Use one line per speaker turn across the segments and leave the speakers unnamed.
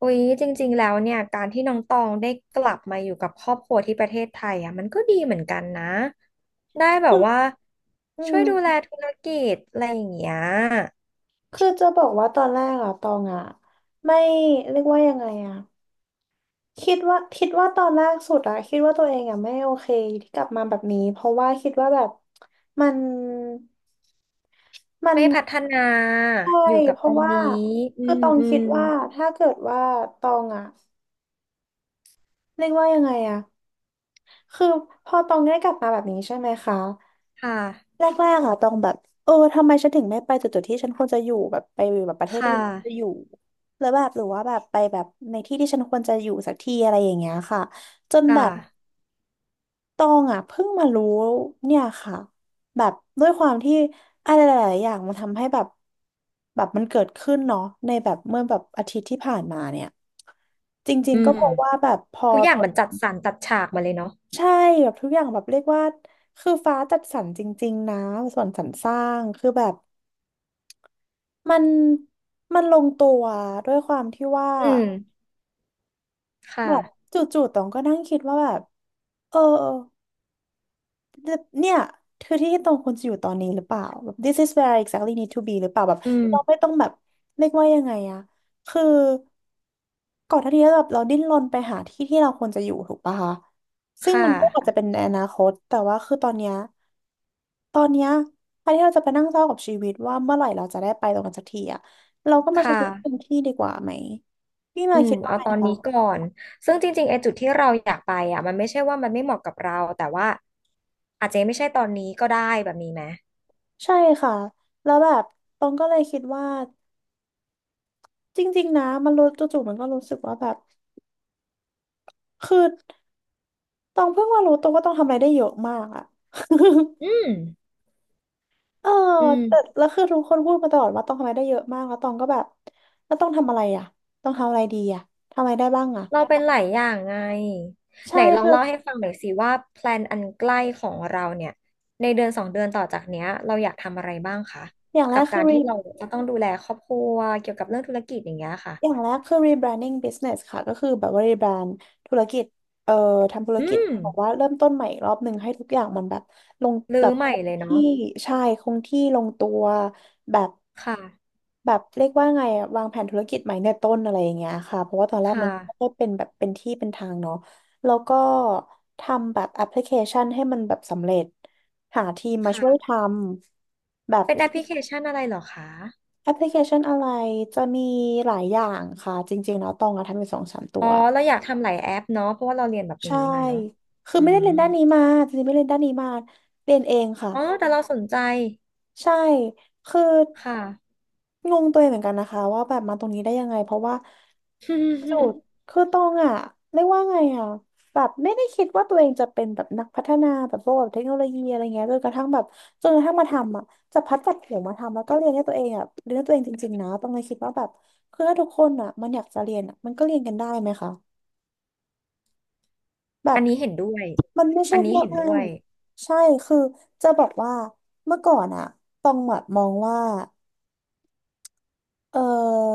อุ๊ยจริงๆแล้วเนี่ยการที่น้องตองได้กลับมาอยู่กับครอบครัวที่ประเทศไทยอ่ะมันก็ดีเหมือนกันนะได้แบบ
อื
ว่า
ม
ช่วยดูแลธุรกิจอะไรอย่างเงี้ย
คือจะบอกว่าตอนแรกอะตองอะไม่เรียกว่ายังไงอะคิดว่าตอนแรกสุดอะคิดว่าตัวเองอะไม่โอเคที่กลับมาแบบนี้ เพราะว่าคิดว่าแบบมันมัน
ไม่พัฒนา
ใช่
อยู่กับ
เพ
ต
ราะ
รง
ว่า
นี้อื
คือ
ม
ตอง
อื
คิ
ม
ดว่า ถ้าเกิดว่าตองอะเรียกว่ายังไงอะคือพอตองได้กลับมาแบบนี้ใช่ไหมคะ
ค่ะ
แรกๆอะต้องแบบเออทำไมฉันถึงไม่ไปจุดๆที่ฉันควรจะอยู่แบบไปอยู่แบบประเทศ
ค่
ที่ฉันควรจะอ
ะ
ยู่แล้วแบบหรือว่าแบบไปแบบในที่ที่ฉันควรจะอยู่สักทีอะไรอย่างเงี้ยค่ะจน
ค
แบบ
่ะ
ตองอะเพิ่งมารู้เนี่ยค่ะแบบด้วยความที่อะไรหลายๆอย่างมันทำให้แบบแบบมันเกิดขึ้นเนาะในแบบเมื่อแบบอาทิตย์ที่ผ่านมาเนี่ยจริ
อื
งๆก็
ม
เพราะว่าแบบพอ
ทุกอ
ต
ย่าง
อน
มันจัดสรรจัดฉากมาเลยเนาะ
ใช่แบบทุกอย่างแบบเรียกว่าคือฟ้าจัดสรรจริงๆนะส่วนสรรสร้างคือแบบ มันมันลงตัวด้วยความที่ว่า
อืมค
แบบ
่ะ
จู่ๆตองก็นั่งคิดว่าแบบเออเนี่ยคือที่ตองควรจะอยู่ตอนนี้หรือเปล่าแบบ this is where I exactly need to be หรือเปล่าแบบ
อืม
เราไม่ต้องแบบเรียกว่ายังไงอะคือ ก่อนหน้านี้แบบเราดิ้นรนไปหาที่ที่เราควรจะอยู่ถูกปะคะซึ่ง
ค่ะ
มันก็อาจจะเป็นในอนาคตแต่ว่าคือตอนเนี้ยแทนที่เราจะไปนั่งเศร้ากับชีวิตว่าเมื่อไหร่เราจะได้ไปตรงนั้นสักทีอะเราก็มา
ค่
ใช้ชีวิตเต็ม
ะ
ที่ดีกว่าไหมพี่
อื
มา
ม
คิดว่า
เอา
ไง
ตอน
คะ
นี้ก่อนซึ่งจริงๆไอ้จุดที่เราอยากไปอ่ะมันไม่ใช่ว่ามันไม่เหมาะกับเราแต่ว่าอาจจะไม่ใช่ตอนนี้ก็ได้แบบนี้ไหม
ใช่ค่ะแล้วแบบตองก็เลยคิดว่าจริงๆนะมันรู้จู่ๆมันก็รู้สึกว่าแบบคือตองเพิ่งมารู้ตัวว่าตองทำอะไรได้เยอะมากอะ
อื ม
เออ
อื
แต่
ม
แล้วคือทุกคนพูดมาตลอดว่าต้องทำอะไรได้เยอะมากแล้วตองก็แบบแล้วต้องทำอะไรอ่ะ ต้องทำอะไรดีอ่ะ ทำอะไรได้บ้างอ่ะ
เราเป็นหลายอย่างไงไห
ใช่
นลอง
คือ
เล่าให้ฟังหน่อยสิว่าแพลนอันใกล้ของเราเนี่ยในเดือนสองเดือนต่อจากเนี้ยเราอยากทำอะไรบ้างคะ
อย่างแร
กั
ก
บ
คื
กา
อ
รที่เราจะต้องดูแลครอบครัวเกี่ยวกับเรื่องธุรกิจอย่างเงี้ยค่ะ
อย่างแรกคือ rebranding business ค่ะก็คือแบบว่า rebrand ธุรกิจเอ่อทำธุร
อื
กิจ
ม
บอกว่าเริ่มต้นใหม่อีกรอบหนึ่งให้ทุกอย่างมันแบบลง
รื้
แบ
อ
บ
ให
ค
ม่
ง
เลยเนาะ
ที่ใช่คงที่ลงตัวแบบ
ค่ะ
แบบเรียกว่าไงอะวางแผนธุรกิจใหม่ในต้นอะไรอย่างเงี้ยค่ะเพราะว่าตอนแรก
ค่ะ
มันก็เป็นแบบเป็นที่เป็นทางเนาะแล้วก็ทำแบบแอปพลิเคชันให้มันแบบสำเร็จหาทีมมาช่วยท
ค่ะ
ำแบบ
เป็นแอ
ที่
ปพลิเคชันอะไรเหรอคะ
แอปพลิเคชันอะไรจะมีหลายอย่างค่ะจริงๆแล้วตองอะทำอยู่สองสามตั
อ๋อ
ว
เราอยากทำหลายแอปเนาะเพราะว่าเราเรียนแบบ
ใช่
นี้มาเนาะ
คือ
อื
ไม่ได้
ม
เรียนด้านนี้มาจริงๆไม่ได้เรียนด้านนี้มาเรียนเองค่ะ
อ๋อแต่เราสนใจ
ใช่คือ
ค่ะ
งงตัวเองเหมือนกันนะคะว่าแบบมาตรงนี้ได้ยังไงเพราะว่า สุด คือตองอ่ะเรียกว่าไงอ่ะแบบไม่ได้คิดว่าตัวเองจะเป็นแบบนักพัฒนาแบบพวกแบบเทคโนโลยีอะไรเงี้ยจนกระทั่งแบบจนกระทั่งมาทำอ่ะจะพัดจัดเขียงมาทำแล้วก็เรียนให้ตัวเองอ่ะเรียนให้ตัวเองจริงๆนะตองเลยคิดว่าแบบคือถ้าทุกคนอ่ะมันอยากจะเรียนอ่ะมันก็เรียนกันได้ไหมคะแบ
อั
บ
นนี้เห็นด้วย
มันไม่ใช่
อันนี้
แค่
เห็น
อ้า
ด้ว
ง
ย
ใช่คือจะบอกว่าเมื่อก่อนอ่ะตองแบบมองว่า เออ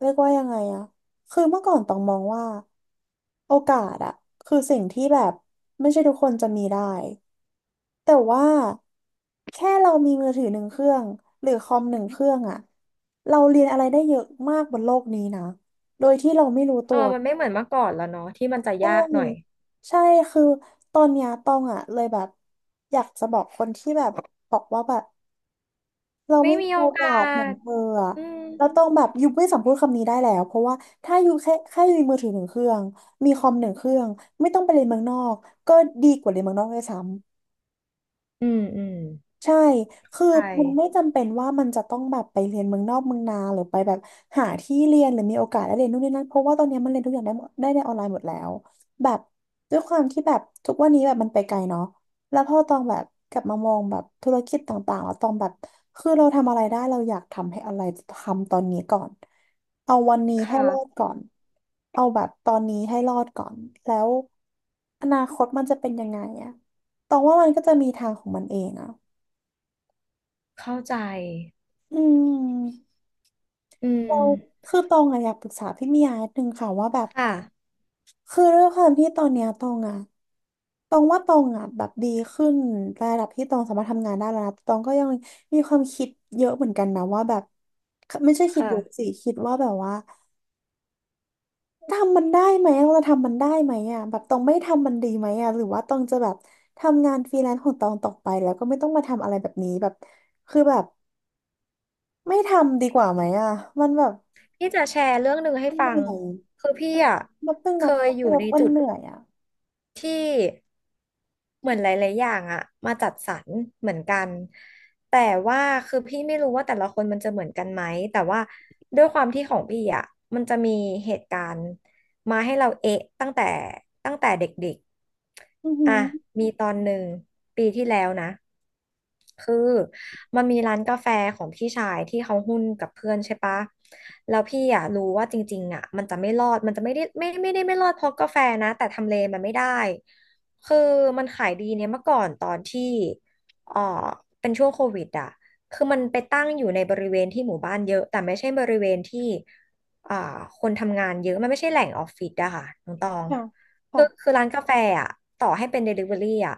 เรียกว่ายังไงอะคือเมื่อก่อนต้องมองว่าโอกาสอะคือสิ่งที่แบบไม่ใช่ทุกคนจะมีได้แต่ว่าแค่เรามีมือถือหนึ่งเครื่องหรือคอมหนึ่งเครื่องอะเราเรียนอะไรได้เยอะมากบนโลกนี้นะโดยที่เราไม่รู้
เอ
ตั
อ
ว
มันไม่เหมือนเมื่อก่อนแล้วเนาะที่มันจะ
ใช
ยากหน่อย
่ใช่คือตอนเนี้ยตองอ่ะเลยแบบอยากจะบอกคนที่แบบบอกว่าแบบ เรา
ไม่
ไม่มี
มีโอ
โอ
กา
กาสเหมือน
ส
เธออะ
อืม
เราต้องแบบยูไม่สามารถพูดคำนี้ได้แล้วเพราะว่าถ้ายูแค่ยูมีมือถือหนึ่งเครื่องมีคอมหนึ่งเครื่องไม่ต้องไปเรียนเมืองนอกก็ดีกว่าเรียนเมืองนอกด้วยซ้
อืมอืม
ใช่ คือ
ใช่
มันไม่จำเป็นว่ามันจะต้องแบบไปเรียนเมืองนอกเมืองนาหรือไปแบบหาที่เรียนหรือมีโอกาสได้เรียนนู่นนี่นั่นเพราะว่าตอนเนี้ยมันเรียนทุกอย่างได้หมดได้ในออนไลน์หมดแล้วแบบด้วยความที่แบบทุกวันนี้แบบมันไปไกลเนาะแล้วพอตองแบบกลับมามองแบบธุรกิจต่างๆแล้วตองแบบคือเราทำอะไรได้เราอยากทำให้อะไรทำตอนนี้ก่อนเอาวันนี้
ค
ให้รอด
่ะ
ก่อนเอาแบบตอนนี้ให้รอดก่อนแล้วอนาคตมันจะเป็นยังไงอะตองว่ามันก็จะมีทางของมันเองอะ
เข้าใจ
อืม
อื
เรา
ม
คือตองอะอยากปรึกษาพี่มียานิดนึงค่ะว่าแบบ
ค่ะ
คือด้วยความที่ตอนเนี้ยตองอะตองว่าตองอะแบบดีขึ้นระดับที่ตองสามารถทำงานได้แล้วนะตองก็ยังมีความคิดเยอะเหมือนกันนะว่าแบบไม่ใช่คิด
ค่ะ
เยอะสิคิดว่าแบบว่าทำมันได้ไหมเราจะทำมันได้ไหมอะแบบตองไม่ทำมันดีไหมอะหรือว่าตองจะแบบทำงานฟรีแลนซ์ของตองต่อไปแล้วก็ไม่ต้องมาทำอะไรแบบนี้แบบคือแบบไม่ทำดีกว่าไหมอะมันแบบ
พี่จะแชร์เรื่องหนึ่งให้
มันเห
ฟัง
นื่อย
คือพี่อ่ะ
มันเพิ่ง
เค
นับ
ยอยู่
ว่า
ใน
มัน
จุด
เหนื่อยอ่ะ
ที่ เหมือนหลายๆอย่างอะมาจัดสรรเหมือนกันแต่ว่าคือพี่ไม่รู้ว่าแต่ละคนมันจะเหมือนกันไหมแต่ว่าด้วยความที่ของพี่อะมันจะมีเหตุการณ์มาให้เราเอ๊ะตั้งแต่เด็ก
อือ
ๆ
หื
อ่ะ
อ
มีตอนหนึ่งปีที่แล้วนะคือ มันมีร้านกาแฟของพี่ชายที่เขาหุ้นกับเพื่อนใช่ปะแล้วพี่อ่ะรู้ว่าจริงๆอ่ะมันจะไม่รอดมันจะไม่ได้ไม่ได้ไม่รอดเพราะกาแฟนะแต่ทำเลมันไม่ได้คือมันขายดีเนี่ยเมื่อก่อนตอนที่เอ่อเป็นช่วงโควิดอ่ะคือมันไปตั้งอยู่ในบริเวณที่หมู่บ้านเยอะแต่ไม่ใช่บริเวณที่อ่าคนทำงานเยอะมันไม่ใช่แหล่งออฟฟิศอะค่ะน้องตอง
ค่ะ
คือ
ค่ะ
คือร้านกาแฟอะต่อให้เป็น Delivery อะ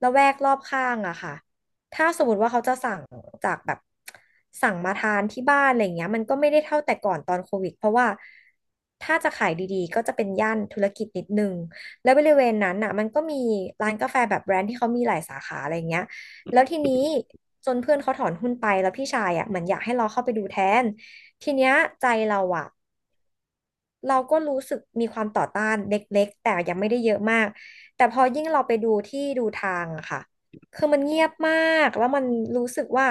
ละแวกรอบข้างอะค่ะ ถ้าสมมติว่าเขาจะสั่งจากแบบสั่งมาทานที่บ้านอะไรเงี้ยมันก็ไม่ได้เท่าแต่ก่อนตอนโควิดเพราะว่าถ้าจะขายดีๆก็จะเป็นย่านธุรกิจนิดนึงแล้วบริเวณนั้นน่ะมันก็มีร้านกาแฟแบบแบรนด์ที่เขามีหลายสาขาอะไรเงี้ยแล้วทีนี้จนเพื่อนเขาถอนหุ้นไปแล้วพี่ชายอ่ะเหมือนอยากให้เราเข้าไปดูแทนทีเนี้ยใจเราอ่ะ เราก็รู้สึกมีความต่อต้านเล็กๆแต่ยังไม่ได้เยอะมากแต่พอยิ่งเราไปดูที่ดูทางอะค่ะคือมันเงียบมากแล้วมันรู้สึกว่า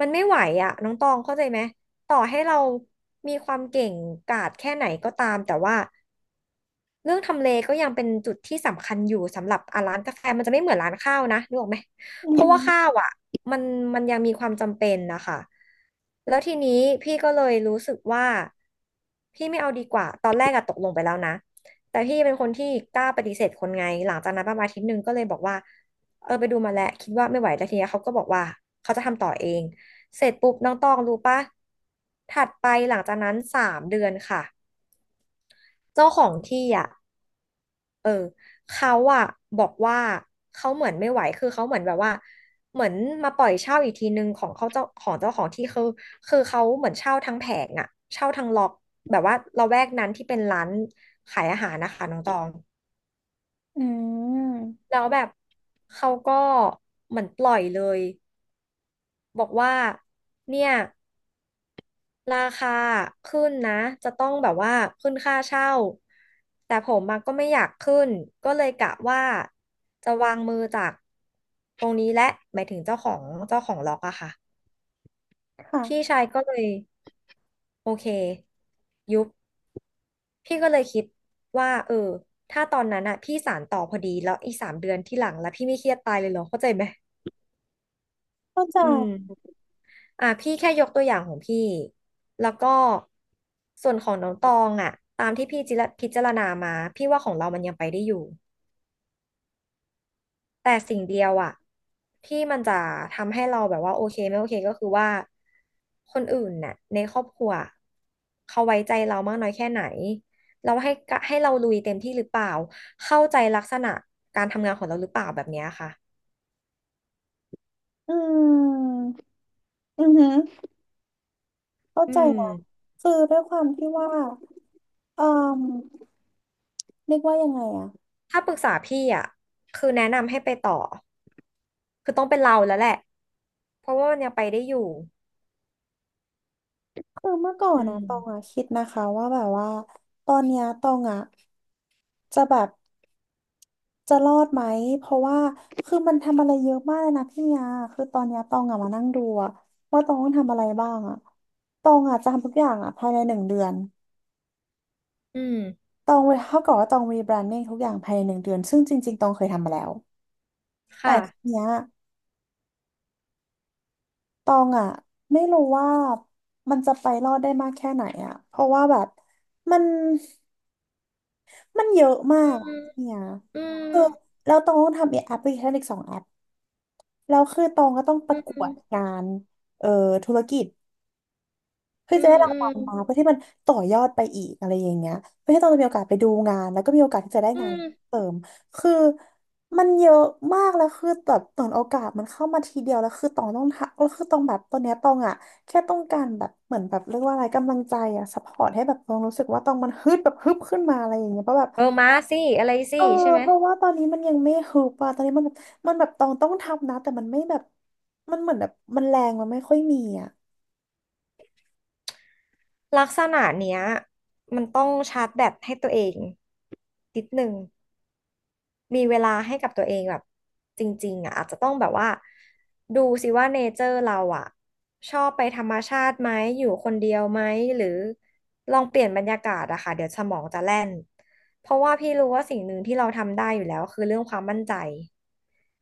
มันไม่ไหวอะน้องตองเข้าใจไหมต่อให้เรามีความเก่งกาจแค่ไหนก็ตามแต่ว่า เรื่องทำเลก็ยังเป็นจุดที่สำคัญอยู่สำหรับอ่ะร้านกาแฟมันจะไม่เหมือนร้านข้าวนะนึกออกไหมเพราะว่าข้าวอ่ะมันมันยังมีความจำเป็นนะคะแล้วทีนี้พี่ก็เลยรู้สึกว่าพี่ไม่เอาดีกว่าตอนแรกอะตกลงไปแล้วนะแต่พี่เป็นคนที่กล้าปฏิเสธคนไงหลังจากนั้นประมาณอาทิตย์หนึ่งก็เลยบอกว่าเออไปดูมาแล้วคิดว่าไม่ไหวแล้วทีนี้เขาก็บอกว่าเขาจะทำต่อเองเสร็จปุ๊บน้องตองรู้ปะถัดไปหลังจากนั้นสามเดือนค่ะเจ้าของที่อ่ะ เขาอะบอกว่าเขาเหมือนไม่ไหวคือเขาเหมือนแบบว่าเหมือนมาปล่อยเช่าอีกทีนึงของเขาเจ้าของที่คือคือเขาเหมือนเช่าทั้งแผงอะเช่าทั้งล็อกแบบว่าละแวกนั้นที่เป็นร้านขายอาหารนะคะน้องตอง
อืม
แล้วแบบเขาก็เหมือนปล่อยเลยบอกว่าเนี่ย ราคาขึ้นนะจะต้องแบบว่าขึ้นค่าเช่าแต่ผมมาก็ไม่อยากขึ้นก็เลยกะว่าจะวางมือจากตรงนี้และหมายถึงเจ้าของล็อกอะค่ะพี่
ค่ะ
ชายก็เลยโอเคยุบพี่ก็เลยคิดว่าเออถ้าตอนนั้นอะพี่สานต่อพอดีแล้วอีกสามเดือนที่หลังแล้วพี่ไม่เครียดตายเลยเหรอเข้าใจไหม
เข้าใจ
อืม อ่ะพี่แค่ยกตัวอย่างของพี่แล้วก็ส่วนของน้องตองอ่ะตามที่พี่จิระพิจารณามาพี่ว่าของเรามันยังไปได้อยู่แต่สิ่งเดียวอ่ะที่มันจะทำให้เราแบบว่าโอเคไม่โอเคก็คือว่าคนอื่นน่ะในครอบครัวเขาไว้ใจเรามากน้อยแค่ไหนเราให้กะให้เราลุยเต็มที่หรือเปล่าเข้าใจลักษณะการทำงานของเราหรือเปล่าแบบเนี้ยค่ะ
อืมอือหือเข้า
อื
ใจนะ
ม
คือด้วยความที่ว่าเอ่อเรียกว่ายังไงอะ
ถ้าปรึกษาพี่อ่ะคือแนะนำให้ไปต่อคือต้องเป็นเราแล้วแหละเพราะว่ามันยังไปได้อยู่
คือเมื่อก่อน
อื
นะตองอะ
ม
คิดนะคะว่าแบบว่าตอนเนี้ยตองอะจะแบบ จะรอดไหม เพราะว่าคือมันทำอะไรเยอะมากเลยนะพี่ยาคือตอนเนี้ยตองอะมานั่งดูอะว่าตองต้องทำอะไรบ้างอะตองอะจะทำทุกอย่างอะภายในหนึ่งเดือน
อืม
ตองเท่ากับว่าตองรีแบรนดิ้งทุกอย่างภายในหนึ่งเดือน ซึ่งจริงๆตองเคยทำมาแล้ว แต่ที
ค่ะ
เนี้ยตองอะไม่รู้ว่ามันจะไปรอดได้มากแค่ไหนอะเพราะว่าแบบมันมันเยอะมา
อื
ก
ม
อะพี่ย
อืม
คือแล้วตองต้องทำแอปพลิเคชันอีก2 แอปแล้วคือตองก็ต้องป
อื
ระกว
ม
ดงานเอ่อธุรกิจ เพื่อ
อื
จะ
ม
ได้รา
อื
ง
ม
วัลมาเพื่อที่มันต่อยอดไปอีกอะไรอย่างเงี้ยเพื่อที่เราจะมีโอกาสไปดูงานแล้วก็มีโอกาสที่จะได้
อื
งาน
ม
เสริมคือมันเยอะมากแล้วคือแบบตอนโอกาสมันเข้ามาทีเดียวแล้วคือตองต้องทักแล้วคือตองแบบตอนเนี้ยตองอ่ะแค่ต้องการแบบเหมือนแบบเรียกว่าอะไรกำลังใจอ่ะซัพพอร์ตให้แบบตองรู้สึกว่าตองมันฮึดแบบฮึบขึ้นมาอะไรอย่างเงี้ยเพราะแบบ
เออมาสิอะไรสิ
เออ
ใช่ไหม
เพราะว่าตอนนี้มันยังไม่ฮึบอ่ะตอนนี้มันแบบมันแบบตองต้องทำนะแต่มันไม่แบบมันเหมือนแบบมันแรงมันไม่ค่อยมีอ่ะ
ลักษณะเนี้ยมันต้องชาร์จแบตให้ตัวเองนิดนึง มีเวลาให้กับตัวเองแบบจริงๆอ่ะอาจจะต้องแบบว่าดูสิว่าเนเจอร์เราอ่ะชอบไปธรรมชาติไหมอยู่คนเดียวไหมหรือลองเปลี่ยนบรรยากาศอะค่ะเดี๋ยวสมองจะแล่นเพราะว่าพี่รู้ว่าสิ่งหนึ่งที่เราทำได้อยู่แล้วคือเรื่องความมั่นใจ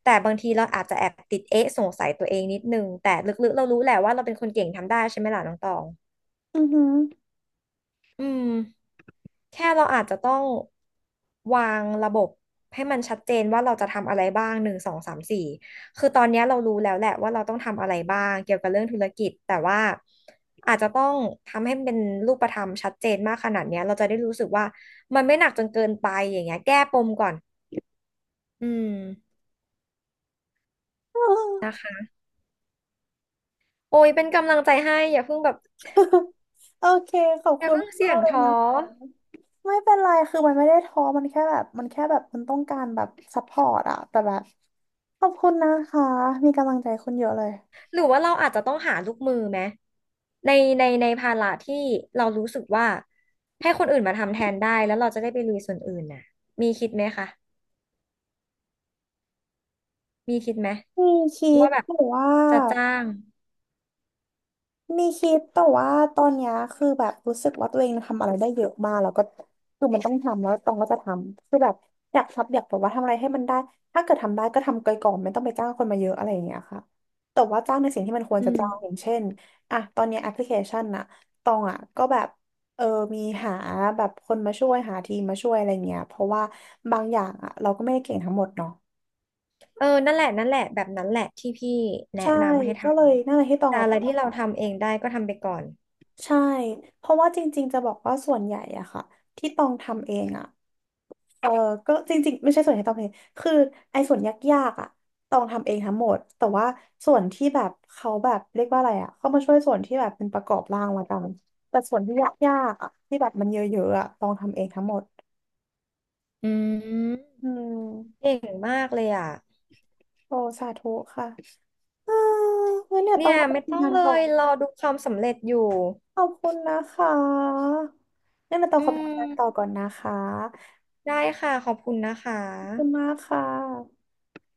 แต่บางทีเราอาจจะแอบติดเอ๊ะสงสัยตัวเองนิดนึงแต่ลึกๆเรารู้แหละว่าเราเป็นคนเก่งทำได้ใช่ไหมล่ะน้องตอง
อือหื
อืมแค่เราอาจจะต้องวางระบบให้มันชัดเจนว่าเราจะทำอะไรบ้างหนึ่งสองสามสี่คือตอนเนี้ยเรารู้แล้วแหละว่าเราต้องทำอะไรบ้างเกี่ยวกับเรื่องธุรกิจแต่ว่าอาจจะต้องทำให้มันเป็นรูปธรรมชัดเจนมากขนาดเนี้ยเราจะได้รู้สึกว่ามันไม่หนักจนเกินไปอย่างเงี้ยแก้ปมก่อนอืมนะ
อ
คะโอ้ยเป็นกำลังใจให้อย่าเพิ่งแบบ
โอเคขอบ
อย่า
คุณ
เพิ่งเสี่ย
มาก
ง
เลย
ท้อ
นะคะไม่เป็นไร คือมันไม่ได้ท้อมันแค่แบบมันแค่แบบมันต้องการแบบซัพพอร์ตอะแต่แบบขอบคุณนะคะ มีกำลังใจคุณเยอะเลย
หรือว่าเราอาจจะต้องหาลูกมือไหมในในภาระที่เรารู้สึกว่าให้คนอื่นมาทำแทนได้แล้วเราจะได้ไปลุยส่วนอื่นน่ะมีคิดไหมคะมีคิดไหม
มีคิด
ว่าแบบ
หรือว่า
จะจ้าง
มีคิดแต่ว่าตอนเนี้ยคือแบบรู้สึกว่าตัวเองทำอะไรได้เยอะมากแล้วก็คือมันต้องทำแล้วตองก็จะทำคือแบบอยากทบอยากแบบว่าทำอะไรให้มันได้ถ้าเกิดทำได้ก็ทำไปก่อนไม่ต้องไปจ้างคนมาเยอะอะไรอย่างเงี้ยค่ะแต่ว่าจ้างในสิ่งที่มันควร
อื
จะ
ม
จ้างอย่างเช่นอ่ะตอนเนี้แอปพลิเคชันน่ะตองอ่ะก็แบบเออมีหาแบบคนมาช่วยหาทีมมาช่วยอะไรเงี้ยเพราะว่าบางอย่างอ่ะเราก็ไม่ได้เก่งทั้งหมดเนาะ
เออนั่นแหละแบบนั้นแหละที่พี่แนะ
ใช่
นำให้ท
ก็เลยนั่นแหละที่ต
ำ
อง
แต่
อ
อะไรที่เรา
่ะ
ทำเองได้ก็ทำไปก่อน
ใช่ เพราะว่าจริงๆจะบอกว่าส่วนใหญ่อะค่ะที่ต้องทำเองอะเออก็จริงๆไม่ใช่ส่วนใหญ่ที่ต้องทำเองคือไอ้ส่วนยากๆอะต้องทำเองทั้งหมดแต่ว่าส่วนที่แบบเขาแบบเรียกว่าอะไรอะเขามาช่วยส่วนที่แบบเป็นประกอบร่างละกันแต่ส่วนที่ยากๆอะที่แบบมันเยอะๆอะต้องทำเองทั้งหมด
อืม
อืม
เก่งมากเลยอ่ะ
โอ้สาธุค่ะเอองั้นเนี่ยต้
เนี่
อ
ย
งขอไป
ไม่ต้อ
ทำ
ง
งาน
เล
ต่อ
ยรอดูความสำเร็จอยู่
ขอบคุณนะคะงั้นเนี่ยต้อ
อื
งขอไปทำ
ม
งานต่อก่อนนะคะ
ได้ค่ะขอบคุณนะคะ
ขอบคุณมากค่ะ